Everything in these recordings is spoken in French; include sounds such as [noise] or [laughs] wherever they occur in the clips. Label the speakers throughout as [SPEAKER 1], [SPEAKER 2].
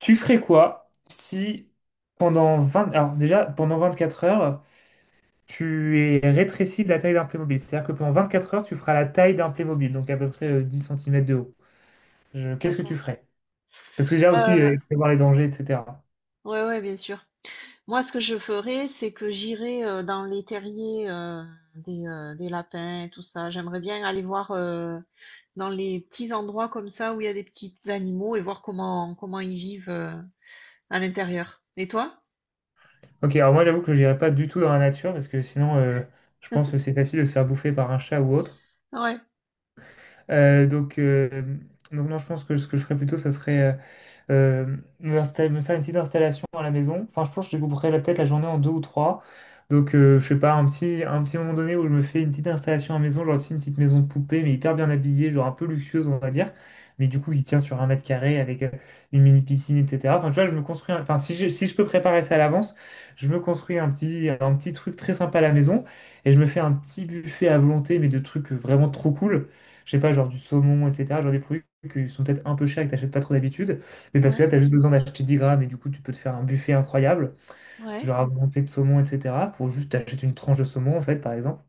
[SPEAKER 1] Tu ferais quoi si pendant 20 alors déjà, pendant 24 heures, tu es rétréci de la taille d'un Playmobil. C'est-à-dire que pendant 24 heures, tu feras la taille d'un Playmobil, donc à peu près 10 cm de haut. Qu'est-ce que tu
[SPEAKER 2] D'accord.
[SPEAKER 1] ferais? Parce que déjà aussi,
[SPEAKER 2] Heu,
[SPEAKER 1] prévoir les dangers, etc.
[SPEAKER 2] ouais, ouais, bien sûr. Moi, ce que je ferais, c'est que j'irais, dans les terriers, des lapins et tout ça. J'aimerais bien aller voir, dans les petits endroits comme ça où il y a des petits animaux et voir comment ils vivent, à l'intérieur. Et toi?
[SPEAKER 1] Ok, alors moi j'avoue que je n'irai pas du tout dans la nature, parce que sinon, je pense que c'est facile de se faire bouffer par un chat ou autre.
[SPEAKER 2] Ouais,
[SPEAKER 1] Euh, donc, euh, donc non, je pense que ce que je ferais plutôt, ça serait me faire une petite installation à la maison. Enfin, je pense que je découperai peut-être la journée en deux ou trois. Je sais pas, un petit moment donné où je me fais une petite installation à la maison, genre aussi une petite maison de poupée, mais hyper bien habillée, genre un peu luxueuse, on va dire, mais du coup qui tient sur un mètre carré avec une mini piscine, etc. Enfin, tu vois, je me construis, enfin, si je peux préparer ça à l'avance, je me construis un petit truc très sympa à la maison et je me fais un petit buffet à volonté, mais de trucs vraiment trop cool. Je sais pas, genre du saumon, etc., genre des produits qui sont peut-être un peu chers et que t'achètes pas trop d'habitude. Mais parce que
[SPEAKER 2] ouais,
[SPEAKER 1] là, tu as juste besoin d'acheter 10 grammes et du coup, tu peux te faire un buffet incroyable,
[SPEAKER 2] ouais,
[SPEAKER 1] genre augmenté de saumon, etc., pour juste acheter une tranche de saumon, en fait, par exemple.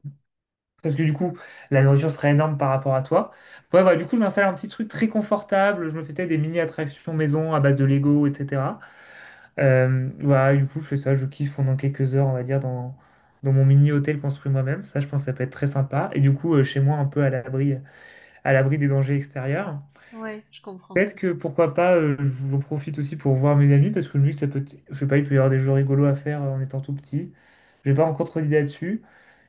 [SPEAKER 1] Parce que du coup, la nourriture serait énorme par rapport à toi. Ouais, voilà, du coup, je m'installe un petit truc très confortable. Je me fais peut-être des mini-attractions maison à base de Lego, etc. Voilà, du coup, je fais ça, je kiffe pendant quelques heures, on va dire, dans mon mini-hôtel construit moi-même. Ça, je pense que ça peut être très sympa. Et du coup, chez moi, un peu à l'abri des dangers extérieurs.
[SPEAKER 2] ouais, je comprends.
[SPEAKER 1] Peut-être que pourquoi pas, j'en profite aussi pour voir mes amis parce que le que ça peut, je sais pas, il peut y avoir des jeux rigolos à faire en étant tout petit. J'ai pas encore trop d'idées là-dessus.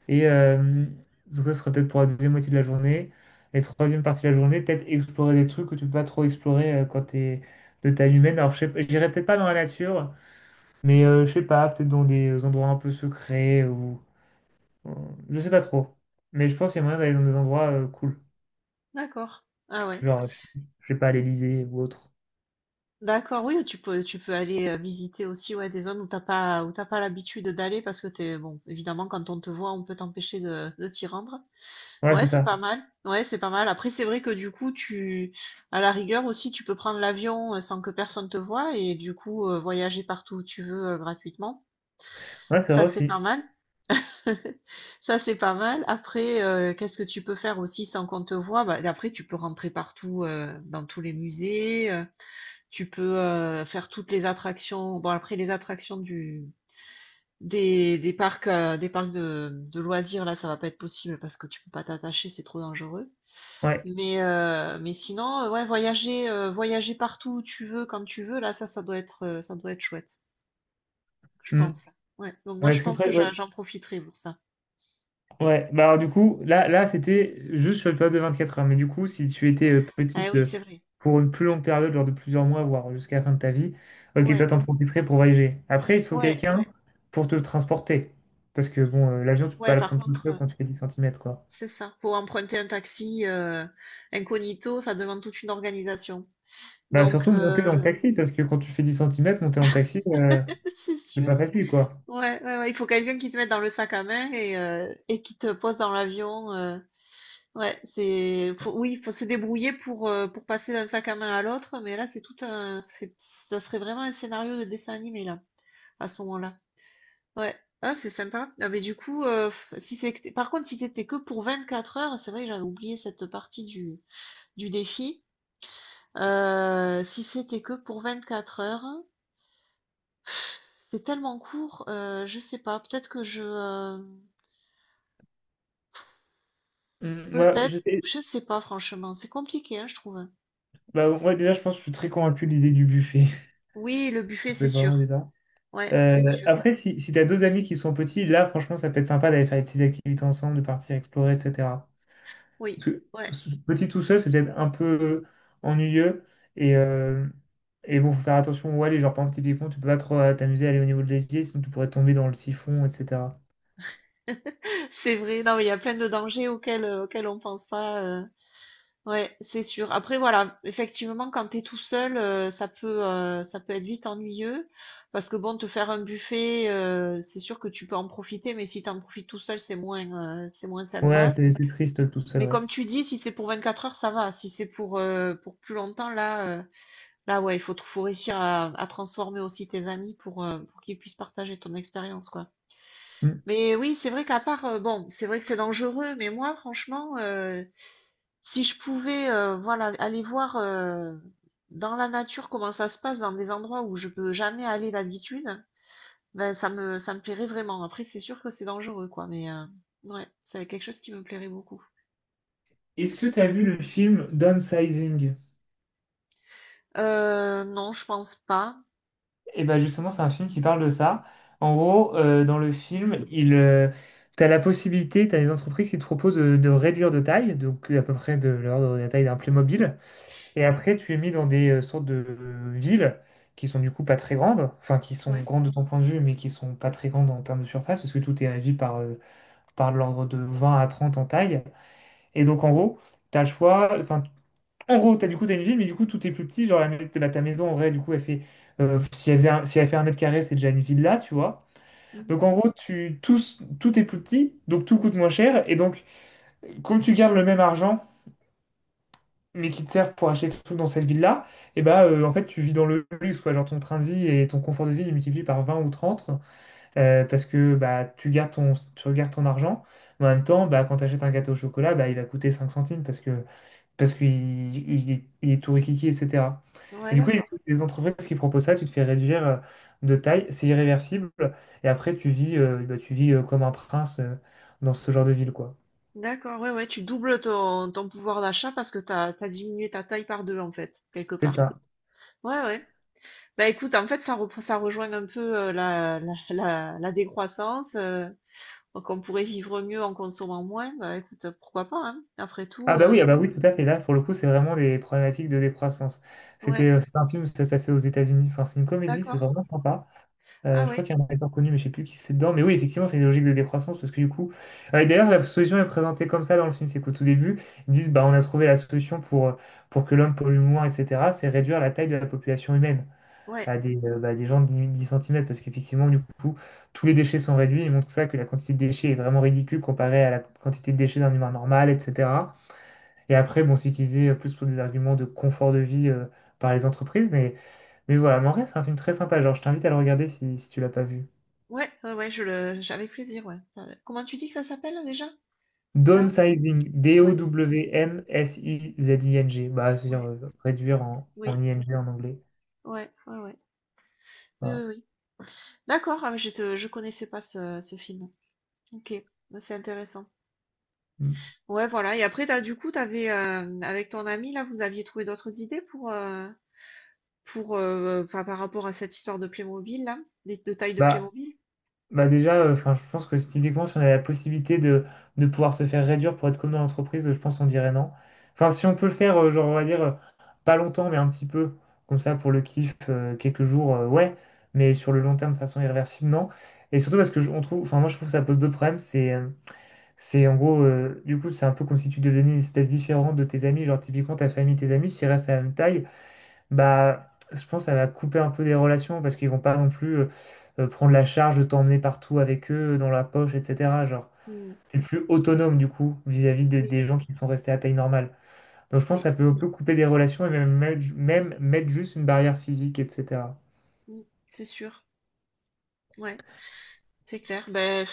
[SPEAKER 1] Et euh, donc ça serait peut-être pour la deuxième moitié de la journée. Et troisième partie de la journée, peut-être explorer des trucs que tu peux pas trop explorer quand t'es de taille humaine. Alors je sais, pas- j'irai peut-être pas dans la nature, mais je sais pas, peut-être dans des endroits un peu secrets je sais pas trop. Mais je pense qu'il y a moyen d'aller dans des endroits cool,
[SPEAKER 2] D'accord. Ah ouais.
[SPEAKER 1] genre je sais pas à l'Élysée ou autre.
[SPEAKER 2] D'accord, oui, tu peux aller, visiter aussi, ouais, des zones où t'as pas l'habitude d'aller parce que t'es bon, évidemment, quand on te voit, on peut t'empêcher de t'y rendre.
[SPEAKER 1] Ouais,
[SPEAKER 2] Ouais,
[SPEAKER 1] c'est
[SPEAKER 2] c'est
[SPEAKER 1] ça.
[SPEAKER 2] pas mal. Ouais, c'est pas mal. Après, c'est vrai que du coup, tu, à la rigueur aussi, tu peux prendre l'avion sans que personne te voie et du coup, voyager partout où tu veux gratuitement.
[SPEAKER 1] Ouais, c'est
[SPEAKER 2] Ça,
[SPEAKER 1] vrai
[SPEAKER 2] c'est pas
[SPEAKER 1] aussi.
[SPEAKER 2] mal. [laughs] Ça, c'est pas mal. Après, qu'est-ce que tu peux faire aussi sans qu'on te voie? Bah, après, tu peux rentrer partout, dans tous les musées. Tu peux faire toutes les attractions. Bon, après, les attractions du des parcs de loisirs, là, ça va pas être possible parce que tu peux pas t'attacher, c'est trop dangereux.
[SPEAKER 1] Ouais.
[SPEAKER 2] Mais sinon, ouais, voyager partout où tu veux, quand tu veux, là, ça doit être chouette, je
[SPEAKER 1] Hmm.
[SPEAKER 2] pense. Ouais, donc moi,
[SPEAKER 1] Ouais,
[SPEAKER 2] je pense que j'en
[SPEAKER 1] Ouais.
[SPEAKER 2] j'en profiterai pour ça.
[SPEAKER 1] Ouais. Bah, alors, du coup, là c'était juste sur une période de 24 heures. Mais du coup, si tu étais
[SPEAKER 2] Ah
[SPEAKER 1] petite
[SPEAKER 2] oui, c'est vrai.
[SPEAKER 1] pour une plus
[SPEAKER 2] Ouais,
[SPEAKER 1] longue période, genre de plusieurs mois, voire jusqu'à la fin de ta vie, ok,
[SPEAKER 2] ouais,
[SPEAKER 1] toi, t'en profiterais pour voyager. Après, il te faut
[SPEAKER 2] ouais,
[SPEAKER 1] quelqu'un
[SPEAKER 2] ouais,
[SPEAKER 1] pour te transporter. Parce que, bon, l'avion, tu peux
[SPEAKER 2] ouais,
[SPEAKER 1] pas le
[SPEAKER 2] par
[SPEAKER 1] prendre tout
[SPEAKER 2] contre,
[SPEAKER 1] seul quand tu fais 10 cm, quoi.
[SPEAKER 2] c'est ça, pour emprunter un taxi, incognito, ça demande toute une organisation.
[SPEAKER 1] Bah,
[SPEAKER 2] Donc,
[SPEAKER 1] surtout monter dans le
[SPEAKER 2] heu,
[SPEAKER 1] taxi, parce que quand tu fais 10 cm, monter dans le taxi,
[SPEAKER 2] [laughs] c'est
[SPEAKER 1] c'est
[SPEAKER 2] sûr.
[SPEAKER 1] pas facile, quoi.
[SPEAKER 2] Ouais, ouais, ouais, il faut quelqu'un qui te mette dans le sac à main et qui te pose dans l'avion, Ouais, c'est faut, oui, faut se débrouiller pour passer d'un sac à main à l'autre, mais là c'est tout un c'est- ça serait vraiment un scénario de dessin animé là à ce moment-là. Ouais. Ah, c'est sympa. Ah, mais du coup si par contre si t'étais que pour 24 heures, c'est vrai que j'avais oublié cette partie du défi. Si c'était que pour 24 heures, c'est tellement court, je sais pas, peut-être que je
[SPEAKER 1] Hmm. Moi, je
[SPEAKER 2] peut-être
[SPEAKER 1] sais.
[SPEAKER 2] je sais pas franchement, c'est compliqué hein, je trouve.
[SPEAKER 1] Bah, moi, déjà, je pense que je suis très convaincu de l'idée du buffet. [laughs]
[SPEAKER 2] Oui, le buffet
[SPEAKER 1] Ça peut
[SPEAKER 2] c'est
[SPEAKER 1] être vraiment
[SPEAKER 2] sûr.
[SPEAKER 1] débat.
[SPEAKER 2] Ouais, c'est sûr.
[SPEAKER 1] Après, si t'as deux amis qui sont petits, là, franchement, ça peut être sympa d'aller faire des petites activités ensemble, de partir explorer, etc. Parce
[SPEAKER 2] Oui,
[SPEAKER 1] que
[SPEAKER 2] ouais,
[SPEAKER 1] petit tout seul, c'est peut-être un peu ennuyeux. Et, euh, et bon, faut faire attention où aller. Genre, par exemple, typiquement, tu peux pas trop t'amuser à aller au niveau de l'évier, sinon tu pourrais tomber dans le siphon, etc.
[SPEAKER 2] [laughs] c'est vrai. Non, mais il y a plein de dangers auxquels on pense pas. Ouais, c'est sûr. Après, voilà, effectivement, quand t'es tout seul, ça peut être vite ennuyeux. Parce que bon, te faire un buffet, c'est sûr que tu peux en profiter, mais si t'en profites tout seul, c'est moins
[SPEAKER 1] Ouais,
[SPEAKER 2] sympa.
[SPEAKER 1] c'est triste tout seul,
[SPEAKER 2] Mais
[SPEAKER 1] ouais.
[SPEAKER 2] comme tu dis, si c'est pour 24 heures, ça va. Si c'est pour plus longtemps, là, ouais, faut réussir à transformer aussi tes amis pour qu'ils puissent partager ton expérience, quoi.
[SPEAKER 1] Mm.
[SPEAKER 2] Mais oui, c'est vrai qu'à part, bon, c'est vrai que c'est dangereux, mais moi, franchement, si je pouvais, voilà, aller voir dans la nature comment ça se passe dans des endroits où je peux jamais aller d'habitude, ben ça me plairait vraiment. Après, c'est sûr que c'est dangereux, quoi, mais ouais, c'est quelque chose qui me plairait beaucoup.
[SPEAKER 1] Est-ce que t'as vu le film Downsizing?
[SPEAKER 2] Non, je pense pas.
[SPEAKER 1] Et ben justement, c'est un film qui parle de ça. En gros, dans le film, tu as la possibilité, tu as des entreprises qui te proposent de réduire de taille, donc à peu près de l'ordre de la taille d'un Playmobil. Et après, tu es mis dans des sortes de villes qui sont du coup pas très grandes, enfin qui sont
[SPEAKER 2] Ouais.
[SPEAKER 1] grandes de ton point de vue, mais qui sont pas très grandes en termes de surface, parce que tout est régi par l'ordre de 20 à 30 en taille. Et donc en gros, tu as le choix, enfin, en gros, t'as du coup, t'as une ville, mais du coup, tout est plus petit. Genre, bah, ta maison, en vrai, du coup, elle fait, si elle fait un mètre carré, c'est déjà une villa, tu vois.
[SPEAKER 2] Mhm.
[SPEAKER 1] Donc, en gros, tout est plus petit, donc tout coûte moins cher. Et donc, comme tu gardes le même argent, mais qui te sert pour acheter des trucs dans cette ville-là, et bah, en fait, tu vis dans le luxe, quoi. Genre, ton train de vie et ton confort de vie, il multiplie par 20 ou 30, parce que bah, tu gardes ton argent. Mais en même temps, bah, quand tu achètes un gâteau au chocolat, bah, il va coûter 5 centimes, parce que parce qu'il il est tout rikiki, etc. Et
[SPEAKER 2] Ouais,
[SPEAKER 1] du coup, il y a
[SPEAKER 2] d'accord.
[SPEAKER 1] des entreprises qui proposent ça, tu te fais réduire de taille, c'est irréversible, et après tu vis, comme un prince dans ce genre de ville, quoi.
[SPEAKER 2] D'accord, ouais, ouais, tu doubles ton pouvoir d'achat parce que t'as diminué ta taille par deux, en fait, quelque
[SPEAKER 1] C'est
[SPEAKER 2] part.
[SPEAKER 1] ça.
[SPEAKER 2] Ouais, ouais. Bah écoute, en fait, ça rejoint un peu la décroissance, donc on pourrait vivre mieux en consommant moins. Bah écoute, pourquoi pas, hein, après tout. Euh,
[SPEAKER 1] Ah bah oui, tout à fait. Là, pour le coup, c'est vraiment des problématiques de décroissance. C'était,
[SPEAKER 2] ouais,
[SPEAKER 1] euh, c'est un film, ça se passait aux États-Unis. Enfin, c'est une comédie, c'est
[SPEAKER 2] d'accord.
[SPEAKER 1] vraiment sympa.
[SPEAKER 2] Ah
[SPEAKER 1] Je crois
[SPEAKER 2] ouais,
[SPEAKER 1] qu'il y a un acteur connu, mais je sais plus qui c'est dedans. Mais oui, effectivement, c'est une logique de décroissance parce que du coup. Et d'ailleurs, la solution est présentée comme ça dans le film, c'est qu'au tout début, ils disent bah on a trouvé la solution pour que l'homme pollue moins, etc. C'est réduire la taille de la population humaine
[SPEAKER 2] ouais,
[SPEAKER 1] à des gens de 10 10 cm parce qu'effectivement, du coup, tous les déchets sont réduits. Ils montrent ça que la quantité de déchets est vraiment ridicule comparée à la quantité de déchets d'un humain normal, etc. Et après, bon, c'est utilisé plus pour des arguments de confort de vie par les entreprises, mais voilà, mais en vrai, c'est un film très sympa. Genre, je t'invite à le regarder si tu l'as pas vu.
[SPEAKER 2] ouais, ouais, ouais, avec plaisir, ouais. Ça, comment tu dis que ça s'appelle déjà? Down?
[SPEAKER 1] Downsizing,
[SPEAKER 2] Ouais,
[SPEAKER 1] Downsizing, bah, c'est-à-dire
[SPEAKER 2] ouais,
[SPEAKER 1] réduire en
[SPEAKER 2] oui,
[SPEAKER 1] ING en anglais.
[SPEAKER 2] ouais, ouais, ouais. Oui,
[SPEAKER 1] Voilà.
[SPEAKER 2] oui, oui. D'accord, ah, mais je connaissais pas ce film. Ok, bah, c'est intéressant.
[SPEAKER 1] Mm.
[SPEAKER 2] Ouais, voilà. Et après, t'avais, avec ton ami, là, vous aviez trouvé d'autres idées pour... Pour, enfin, par rapport à cette histoire de Playmobil là, des de taille de
[SPEAKER 1] Bah,
[SPEAKER 2] Playmobil?
[SPEAKER 1] bah déjà, enfin, je pense que typiquement, si on a la possibilité de pouvoir se faire réduire pour être comme dans l'entreprise, je pense qu'on dirait non. Enfin, si on peut le faire, genre, on va dire, pas longtemps, mais un petit peu, comme ça, pour le kiff, quelques jours, ouais, mais sur le long terme, de façon irréversible, non. Et surtout parce que on trouve, enfin, moi, je trouve que ça pose deux problèmes, c'est en gros, du coup, c'est un peu comme si tu devenais une espèce différente de tes amis. Genre, typiquement, ta famille, tes amis, s'ils restent à la même taille, bah, je pense que ça va couper un peu des relations parce qu'ils vont pas non plus prendre la charge de t'emmener partout avec eux, dans la poche, etc. Genre,
[SPEAKER 2] Mmh.
[SPEAKER 1] t'es plus autonome, du coup, vis-à-vis
[SPEAKER 2] Oui,
[SPEAKER 1] des gens qui sont restés à taille normale. Donc, je pense que
[SPEAKER 2] oui,
[SPEAKER 1] ça peut un peu couper des relations et même, même mettre juste une barrière physique, etc.
[SPEAKER 2] mmh, c'est sûr. Ouais, c'est clair. Beh,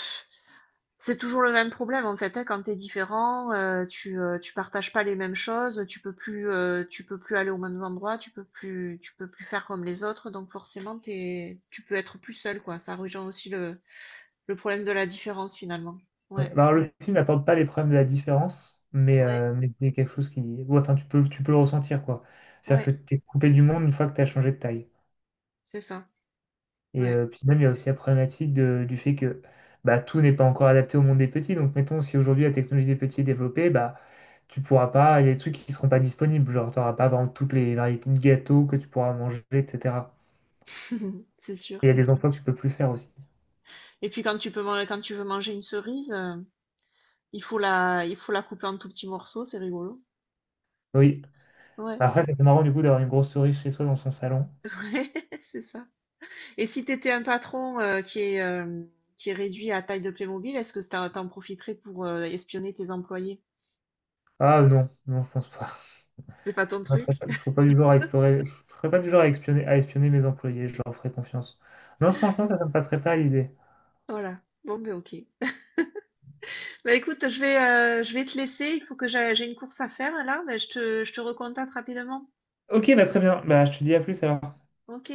[SPEAKER 2] c'est toujours le même problème en fait, hein, quand t'es différent, tu partages pas les mêmes choses, tu peux plus aller aux mêmes endroits, tu peux plus faire comme les autres, donc forcément t'es tu peux être plus seul quoi. Ça rejoint aussi le problème de la différence finalement.
[SPEAKER 1] Ouais.
[SPEAKER 2] Ouais,
[SPEAKER 1] Alors, le film n'apporte pas les problèmes de la différence, mais,
[SPEAKER 2] ouais,
[SPEAKER 1] euh, mais c'est quelque chose qui. Ouais, enfin, tu peux le ressentir, quoi. C'est-à-dire
[SPEAKER 2] ouais,
[SPEAKER 1] que tu es coupé du monde une fois que tu as changé de taille.
[SPEAKER 2] c'est ça, ouais,
[SPEAKER 1] Puis même, il y a aussi la problématique du fait que bah, tout n'est pas encore adapté au monde des petits. Donc, mettons, si aujourd'hui la technologie des petits est développée, bah, tu pourras pas. Il y a des trucs qui ne seront pas disponibles. Genre, tu n'auras pas, par exemple, toutes les variétés de gâteaux que tu pourras manger, etc.
[SPEAKER 2] [laughs] c'est
[SPEAKER 1] Et il y
[SPEAKER 2] sûr.
[SPEAKER 1] a des emplois que tu peux plus faire aussi.
[SPEAKER 2] Et puis quand tu veux manger une cerise, il faut il faut la couper en tout petits morceaux, c'est rigolo.
[SPEAKER 1] Oui.
[SPEAKER 2] Ouais,
[SPEAKER 1] Après, c'est marrant, du coup, d'avoir une grosse souris chez soi dans son salon.
[SPEAKER 2] [laughs] ouais, c'est ça. Et si t'étais un patron qui est réduit à taille de Playmobil, est-ce que t'en t'en profiterais pour espionner tes employés?
[SPEAKER 1] Ah non, non, je pense pas.
[SPEAKER 2] C'est pas ton truc?
[SPEAKER 1] Je serais pas du genre à explorer, je serais pas du genre à espionner, mes employés, je leur ferais confiance. Non, franchement, ça ne me passerait pas à l'idée.
[SPEAKER 2] Voilà. Bon, ben ok. Bah écoute, je vais te laisser. Il faut que j'ai une course à faire là, mais je te recontacte rapidement.
[SPEAKER 1] Ok, bah très bien. Bah, je te dis à plus alors.
[SPEAKER 2] Ok.